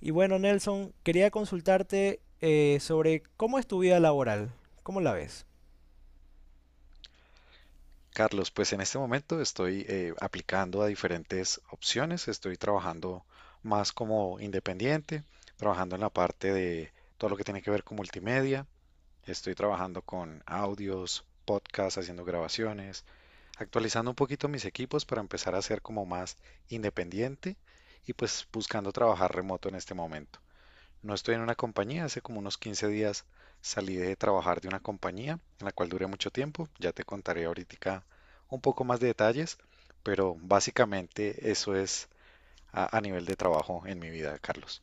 Y bueno, Nelson, quería consultarte sobre cómo es tu vida laboral, ¿cómo la ves? Carlos, pues en este momento estoy aplicando a diferentes opciones, estoy trabajando más como independiente, trabajando en la parte de todo lo que tiene que ver con multimedia, estoy trabajando con audios, podcasts, haciendo grabaciones, actualizando un poquito mis equipos para empezar a ser como más independiente y pues buscando trabajar remoto en este momento. No estoy en una compañía, hace como unos 15 días salí de trabajar de una compañía en la cual duré mucho tiempo, ya te contaré ahorita un poco más de detalles, pero básicamente eso es a nivel de trabajo en mi vida, Carlos.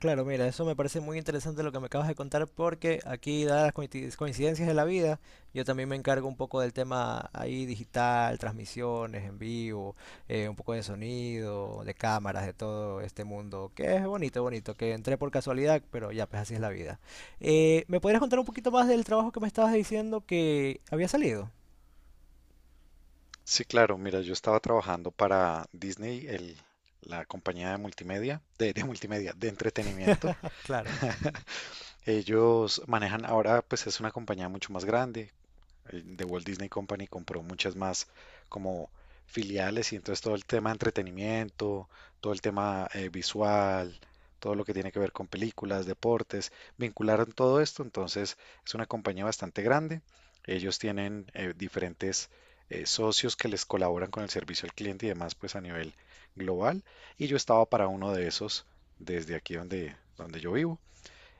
Claro, mira, eso me parece muy interesante lo que me acabas de contar porque aquí, dadas las coincidencias de la vida, yo también me encargo un poco del tema ahí digital, transmisiones en vivo, un poco de sonido, de cámaras, de todo este mundo, que es bonito, bonito, que entré por casualidad, pero ya, pues así es la vida. ¿me podrías contar un poquito más del trabajo que me estabas diciendo que había salido? Sí, claro, mira, yo estaba trabajando para Disney, la compañía de multimedia, de multimedia, de entretenimiento. Claro. Ellos manejan ahora, pues es una compañía mucho más grande. El de Walt Disney Company compró muchas más como filiales y entonces todo el tema de entretenimiento, todo el tema visual, todo lo que tiene que ver con películas, deportes, vincularon todo esto, entonces es una compañía bastante grande. Ellos tienen diferentes socios que les colaboran con el servicio al cliente y demás, pues a nivel global. Y yo estaba para uno de esos desde aquí donde yo vivo.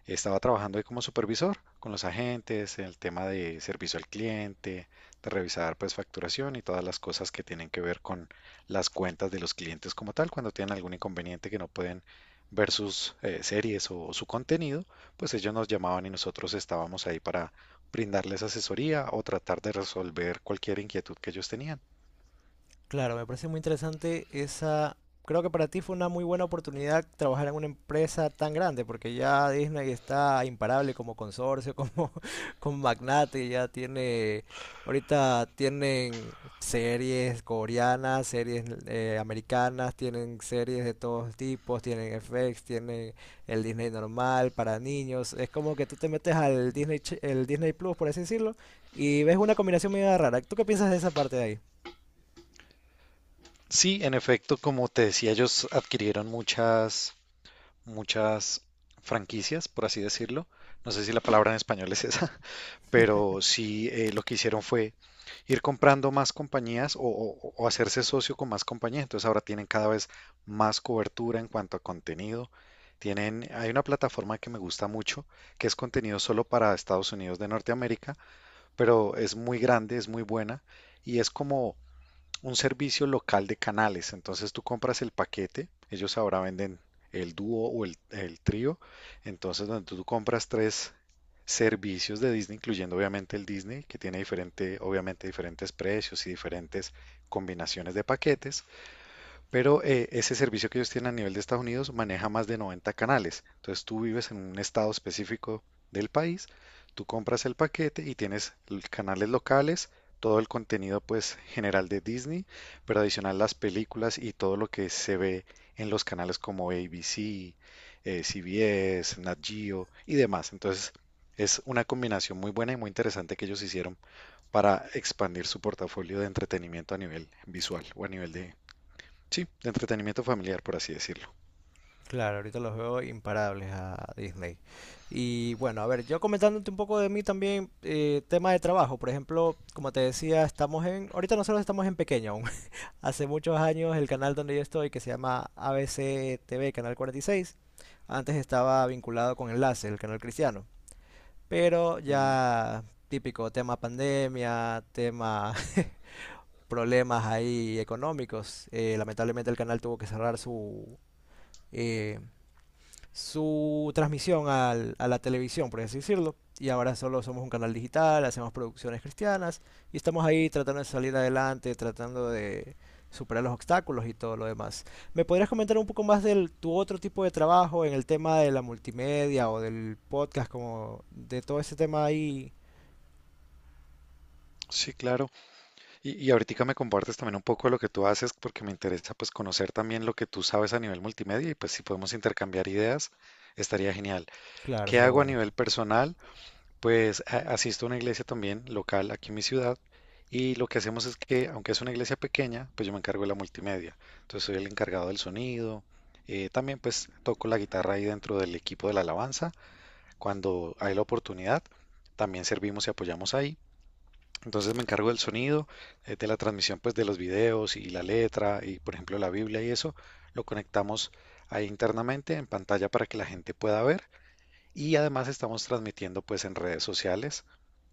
Estaba trabajando ahí como supervisor con los agentes, en el tema de servicio al cliente, de revisar pues facturación y todas las cosas que tienen que ver con las cuentas de los clientes como tal, cuando tienen algún inconveniente que no pueden ver sus series o su contenido, pues ellos nos llamaban y nosotros estábamos ahí para brindarles asesoría o tratar de resolver cualquier inquietud que ellos tenían. Claro, me parece muy interesante esa. Creo que para ti fue una muy buena oportunidad trabajar en una empresa tan grande, porque ya Disney está imparable como consorcio, como, como magnate, ya tiene. Ahorita tienen series coreanas, series americanas, tienen series de todos tipos, tienen FX, tienen el Disney normal para niños. Es como que tú te metes al Disney, el Disney Plus, por así decirlo, y ves una combinación medio rara. ¿Tú qué piensas de esa parte de ahí? Sí, en efecto, como te decía, ellos adquirieron muchas franquicias, por así decirlo. No sé si la palabra en español es esa, pero sí lo que hicieron fue ir comprando más compañías o hacerse socio con más compañías. Entonces ahora tienen cada vez más cobertura en cuanto a contenido. Tienen, hay una plataforma que me gusta mucho, que es contenido solo para Estados Unidos de Norteamérica, pero es muy grande, es muy buena y es como un servicio local de canales. Entonces tú compras el paquete, ellos ahora venden el dúo o el trío. Entonces donde tú compras tres servicios de Disney, incluyendo obviamente el Disney, que tiene diferente, obviamente diferentes precios y diferentes combinaciones de paquetes. Pero ese servicio que ellos tienen a nivel de Estados Unidos maneja más de 90 canales. Entonces tú vives en un estado específico del país, tú compras el paquete y tienes canales locales, todo el contenido pues general de Disney, pero adicional las películas y todo lo que se ve en los canales como ABC, CBS, Nat Geo y demás. Entonces es una combinación muy buena y muy interesante que ellos hicieron para expandir su portafolio de entretenimiento a nivel visual o a nivel de sí, de entretenimiento familiar, por así decirlo. Claro, ahorita los veo imparables a Disney. Y bueno, a ver, yo comentándote un poco de mí también, tema de trabajo. Por ejemplo, como te decía, estamos en, ahorita nosotros estamos en pequeño aún. Hace muchos años el canal donde yo estoy, que se llama ABC TV, Canal 46, antes estaba vinculado con Enlace, el canal cristiano. Pero Mm, ya típico tema pandemia, tema problemas ahí económicos. Lamentablemente el canal tuvo que cerrar su, eh, su transmisión a la televisión, por así decirlo. Y ahora solo somos un canal digital, hacemos producciones cristianas y estamos ahí tratando de salir adelante, tratando de superar los obstáculos y todo lo demás. ¿Me podrías comentar un poco más de tu otro tipo de trabajo en el tema de la multimedia o del podcast, como de todo ese tema ahí? sí, claro. Y ahorita me compartes también un poco de lo que tú haces, porque me interesa pues conocer también lo que tú sabes a nivel multimedia y pues si podemos intercambiar ideas, estaría genial. Claro, ¿Qué sería hago a bueno. nivel personal? Pues asisto a una iglesia también local aquí en mi ciudad y lo que hacemos es que, aunque es una iglesia pequeña, pues yo me encargo de la multimedia. Entonces soy el encargado del sonido. También pues toco la guitarra ahí dentro del equipo de la alabanza cuando hay la oportunidad. También servimos y apoyamos ahí. Entonces me encargo del sonido, de la transmisión pues de los videos y la letra y por ejemplo la Biblia y eso. Lo conectamos ahí internamente en pantalla para que la gente pueda ver. Y además estamos transmitiendo pues en redes sociales.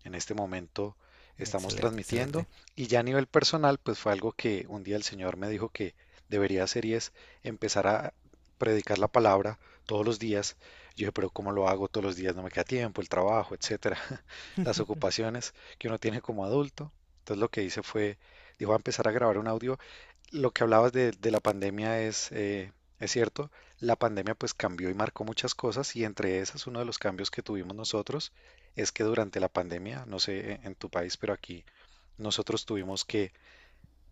En este momento estamos Excelente, transmitiendo, excelente. y ya a nivel personal pues fue algo que un día el Señor me dijo que debería hacer y es empezar a predicar la palabra todos los días. Yo dije, pero ¿cómo lo hago todos los días? No me queda tiempo, el trabajo, etcétera, las ocupaciones que uno tiene como adulto. Entonces lo que hice fue, dijo, a empezar a grabar un audio. Lo que hablabas de la pandemia es cierto, la pandemia pues cambió y marcó muchas cosas y entre esas uno de los cambios que tuvimos nosotros es que durante la pandemia, no sé en tu país, pero aquí nosotros tuvimos que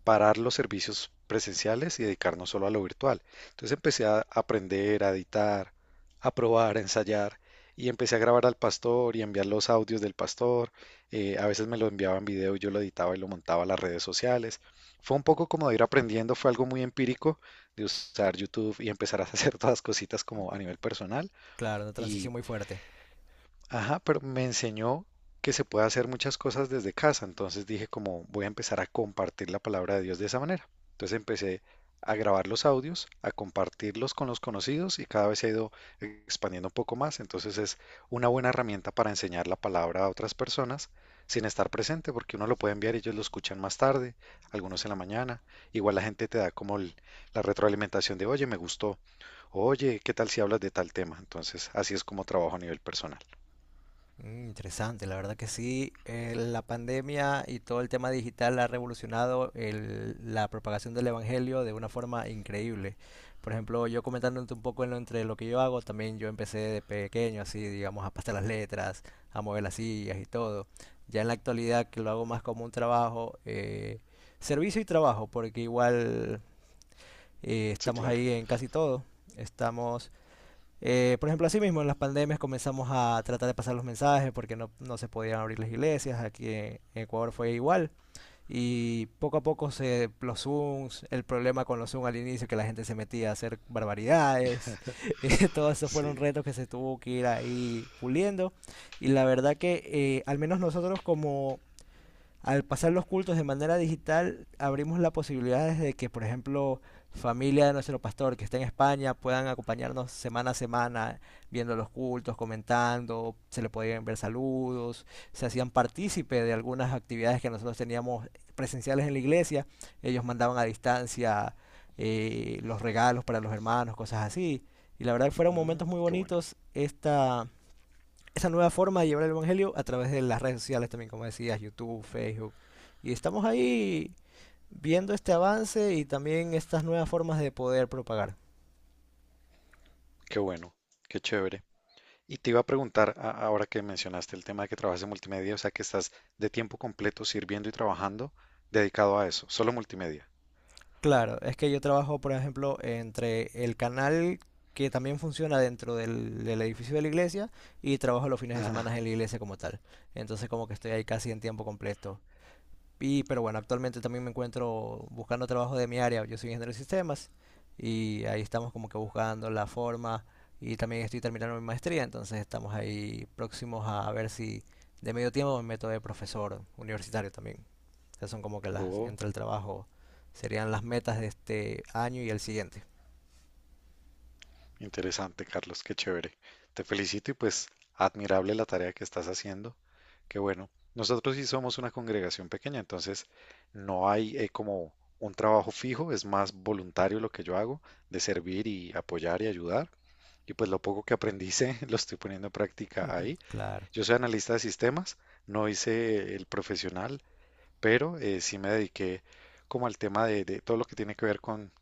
parar los servicios presenciales y dedicarnos solo a lo virtual. Entonces empecé a aprender, a editar, a probar, a ensayar y empecé a grabar al pastor y a enviar los audios del pastor. A veces me lo enviaba en video y yo lo editaba y lo montaba a las redes sociales. Fue un poco como de ir aprendiendo, fue algo muy empírico de usar YouTube y empezar a hacer todas las cositas como a nivel personal, Claro, una y transición muy fuerte. ajá, pero me enseñó que se puede hacer muchas cosas desde casa, entonces dije como voy a empezar a compartir la palabra de Dios de esa manera. Entonces empecé a grabar los audios, a compartirlos con los conocidos y cada vez se ha ido expandiendo un poco más, entonces es una buena herramienta para enseñar la palabra a otras personas sin estar presente, porque uno lo puede enviar y ellos lo escuchan más tarde, algunos en la mañana, igual la gente te da como la retroalimentación de, oye, me gustó, oye, ¿qué tal si hablas de tal tema? Entonces así es como trabajo a nivel personal. Mm, interesante, la verdad que sí. La pandemia y todo el tema digital ha revolucionado la propagación del evangelio de una forma increíble. Por ejemplo, yo comentándote un poco en entre lo que yo hago, también yo empecé de pequeño, así, digamos, a pasar las letras, a mover las sillas y todo. Ya en la actualidad, que lo hago más como un trabajo, servicio y trabajo, porque igual Sí, estamos claro. ahí en casi todo. Estamos por ejemplo, así mismo en las pandemias comenzamos a tratar de pasar los mensajes porque no, no se podían abrir las iglesias. Aquí en Ecuador fue igual. Y poco a poco se, los Zooms, el problema con los Zooms al inicio, que la gente se metía a hacer barbaridades. Todos esos fueron Sí. retos que se tuvo que ir ahí puliendo. Y la verdad que al menos nosotros como al pasar los cultos de manera digital, abrimos la posibilidad de que, por ejemplo, familia de nuestro pastor que está en España puedan acompañarnos semana a semana viendo los cultos, comentando, se le podían ver saludos, se hacían partícipe de algunas actividades que nosotros teníamos presenciales en la iglesia, ellos mandaban a distancia los regalos para los hermanos, cosas así. Y la verdad que fueron momentos Mm, muy qué bueno, bonitos esta, esa nueva forma de llevar el Evangelio a través de las redes sociales también, como decías, YouTube, Facebook. Y estamos ahí viendo este avance y también estas nuevas formas de poder propagar. qué bueno, qué chévere. Y te iba a preguntar, ahora que mencionaste el tema de que trabajas en multimedia, o sea, que estás de tiempo completo sirviendo y trabajando dedicado a eso, solo multimedia. Claro, es que yo trabajo, por ejemplo, entre el canal que también funciona dentro del, del edificio de la iglesia y trabajo los fines de Ah, semana en la iglesia como tal. Entonces como que estoy ahí casi en tiempo completo. Y, pero bueno, actualmente también me encuentro buscando trabajo de mi área. Yo soy ingeniero de sistemas y ahí estamos como que buscando la forma y también estoy terminando mi maestría, entonces estamos ahí próximos a ver si de medio tiempo me meto de profesor universitario también. Esas son como que las oh, entre el trabajo serían las metas de este año y el siguiente. interesante, Carlos, qué chévere. Te felicito y pues admirable la tarea que estás haciendo. Qué bueno. Nosotros sí somos una congregación pequeña, entonces no hay como un trabajo fijo, es más voluntario lo que yo hago, de servir y apoyar y ayudar. Y pues lo poco que aprendí sé, lo estoy poniendo en práctica ahí. Claro. Yo soy analista de sistemas, no hice el profesional, pero sí me dediqué como al tema de todo lo que tiene que ver con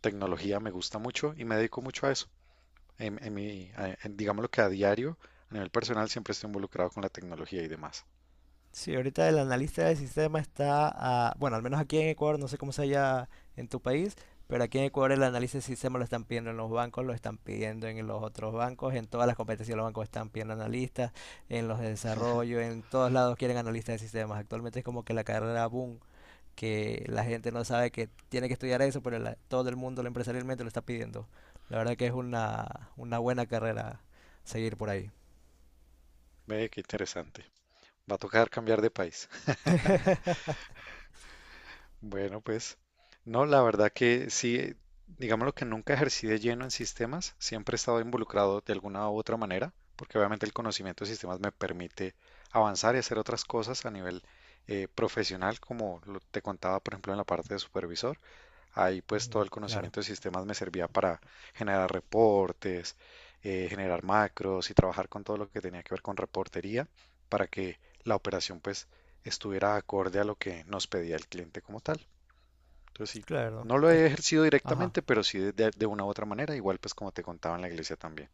tecnología, me gusta mucho y me dedico mucho a eso. En mi, a- en- Digamos lo que a diario, a nivel personal, siempre estoy involucrado con la tecnología y demás. Sí, ahorita el analista del sistema está, bueno, al menos aquí en Ecuador, no sé cómo sea allá en tu país, pero aquí en Ecuador el análisis del sistema lo están pidiendo en los bancos, lo están pidiendo en los otros bancos, en todas las competencias los bancos están pidiendo analistas, en los de desarrollo, en todos lados quieren analistas de sistemas. Actualmente es como que la carrera boom, que la gente no sabe que tiene que estudiar eso, pero todo el mundo lo empresarialmente lo está pidiendo. La verdad que es una buena carrera seguir por ahí. Ve qué interesante. Va a tocar cambiar de país. Bueno, pues no, la verdad que sí, digamos lo que nunca ejercí de lleno en sistemas, siempre he estado involucrado de alguna u otra manera, porque obviamente el conocimiento de sistemas me permite avanzar y hacer otras cosas a nivel profesional, como te contaba, por ejemplo, en la parte de supervisor. Ahí pues todo Mm, el claro, conocimiento de sistemas me servía para generar reportes, generar macros y trabajar con todo lo que tenía que ver con reportería para que la operación pues estuviera acorde a lo que nos pedía el cliente como tal. Entonces sí, claro. no lo he ejercido Ajá. directamente, pero sí una u otra manera, igual pues como te contaba en la iglesia también.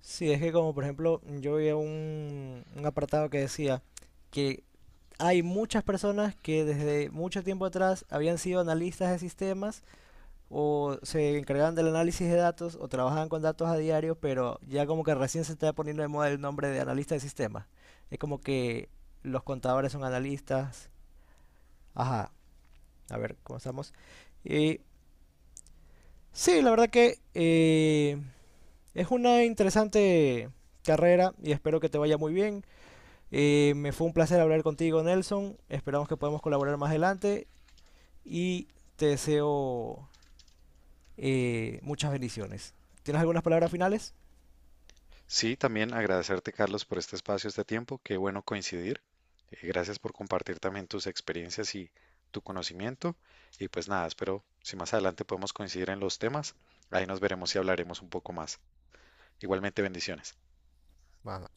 Sí, es que como por ejemplo, yo vi un apartado que decía que hay muchas personas que desde mucho tiempo atrás habían sido analistas de sistemas o se encargaban del análisis de datos o trabajaban con datos a diario, pero ya como que recién se está poniendo de moda el nombre de analista de sistemas. Es como que los contadores son analistas. Ajá, a ver, comenzamos. Y sí, la verdad que es una interesante carrera y espero que te vaya muy bien. Me fue un placer hablar contigo, Nelson. Esperamos que podamos colaborar más adelante y te deseo muchas bendiciones. ¿Tienes algunas palabras finales? Sí, también agradecerte Carlos por este espacio, este tiempo, qué bueno coincidir. Gracias por compartir también tus experiencias y tu conocimiento. Y pues nada, espero si más adelante podemos coincidir en los temas, ahí nos veremos y hablaremos un poco más. Igualmente bendiciones. Bueno,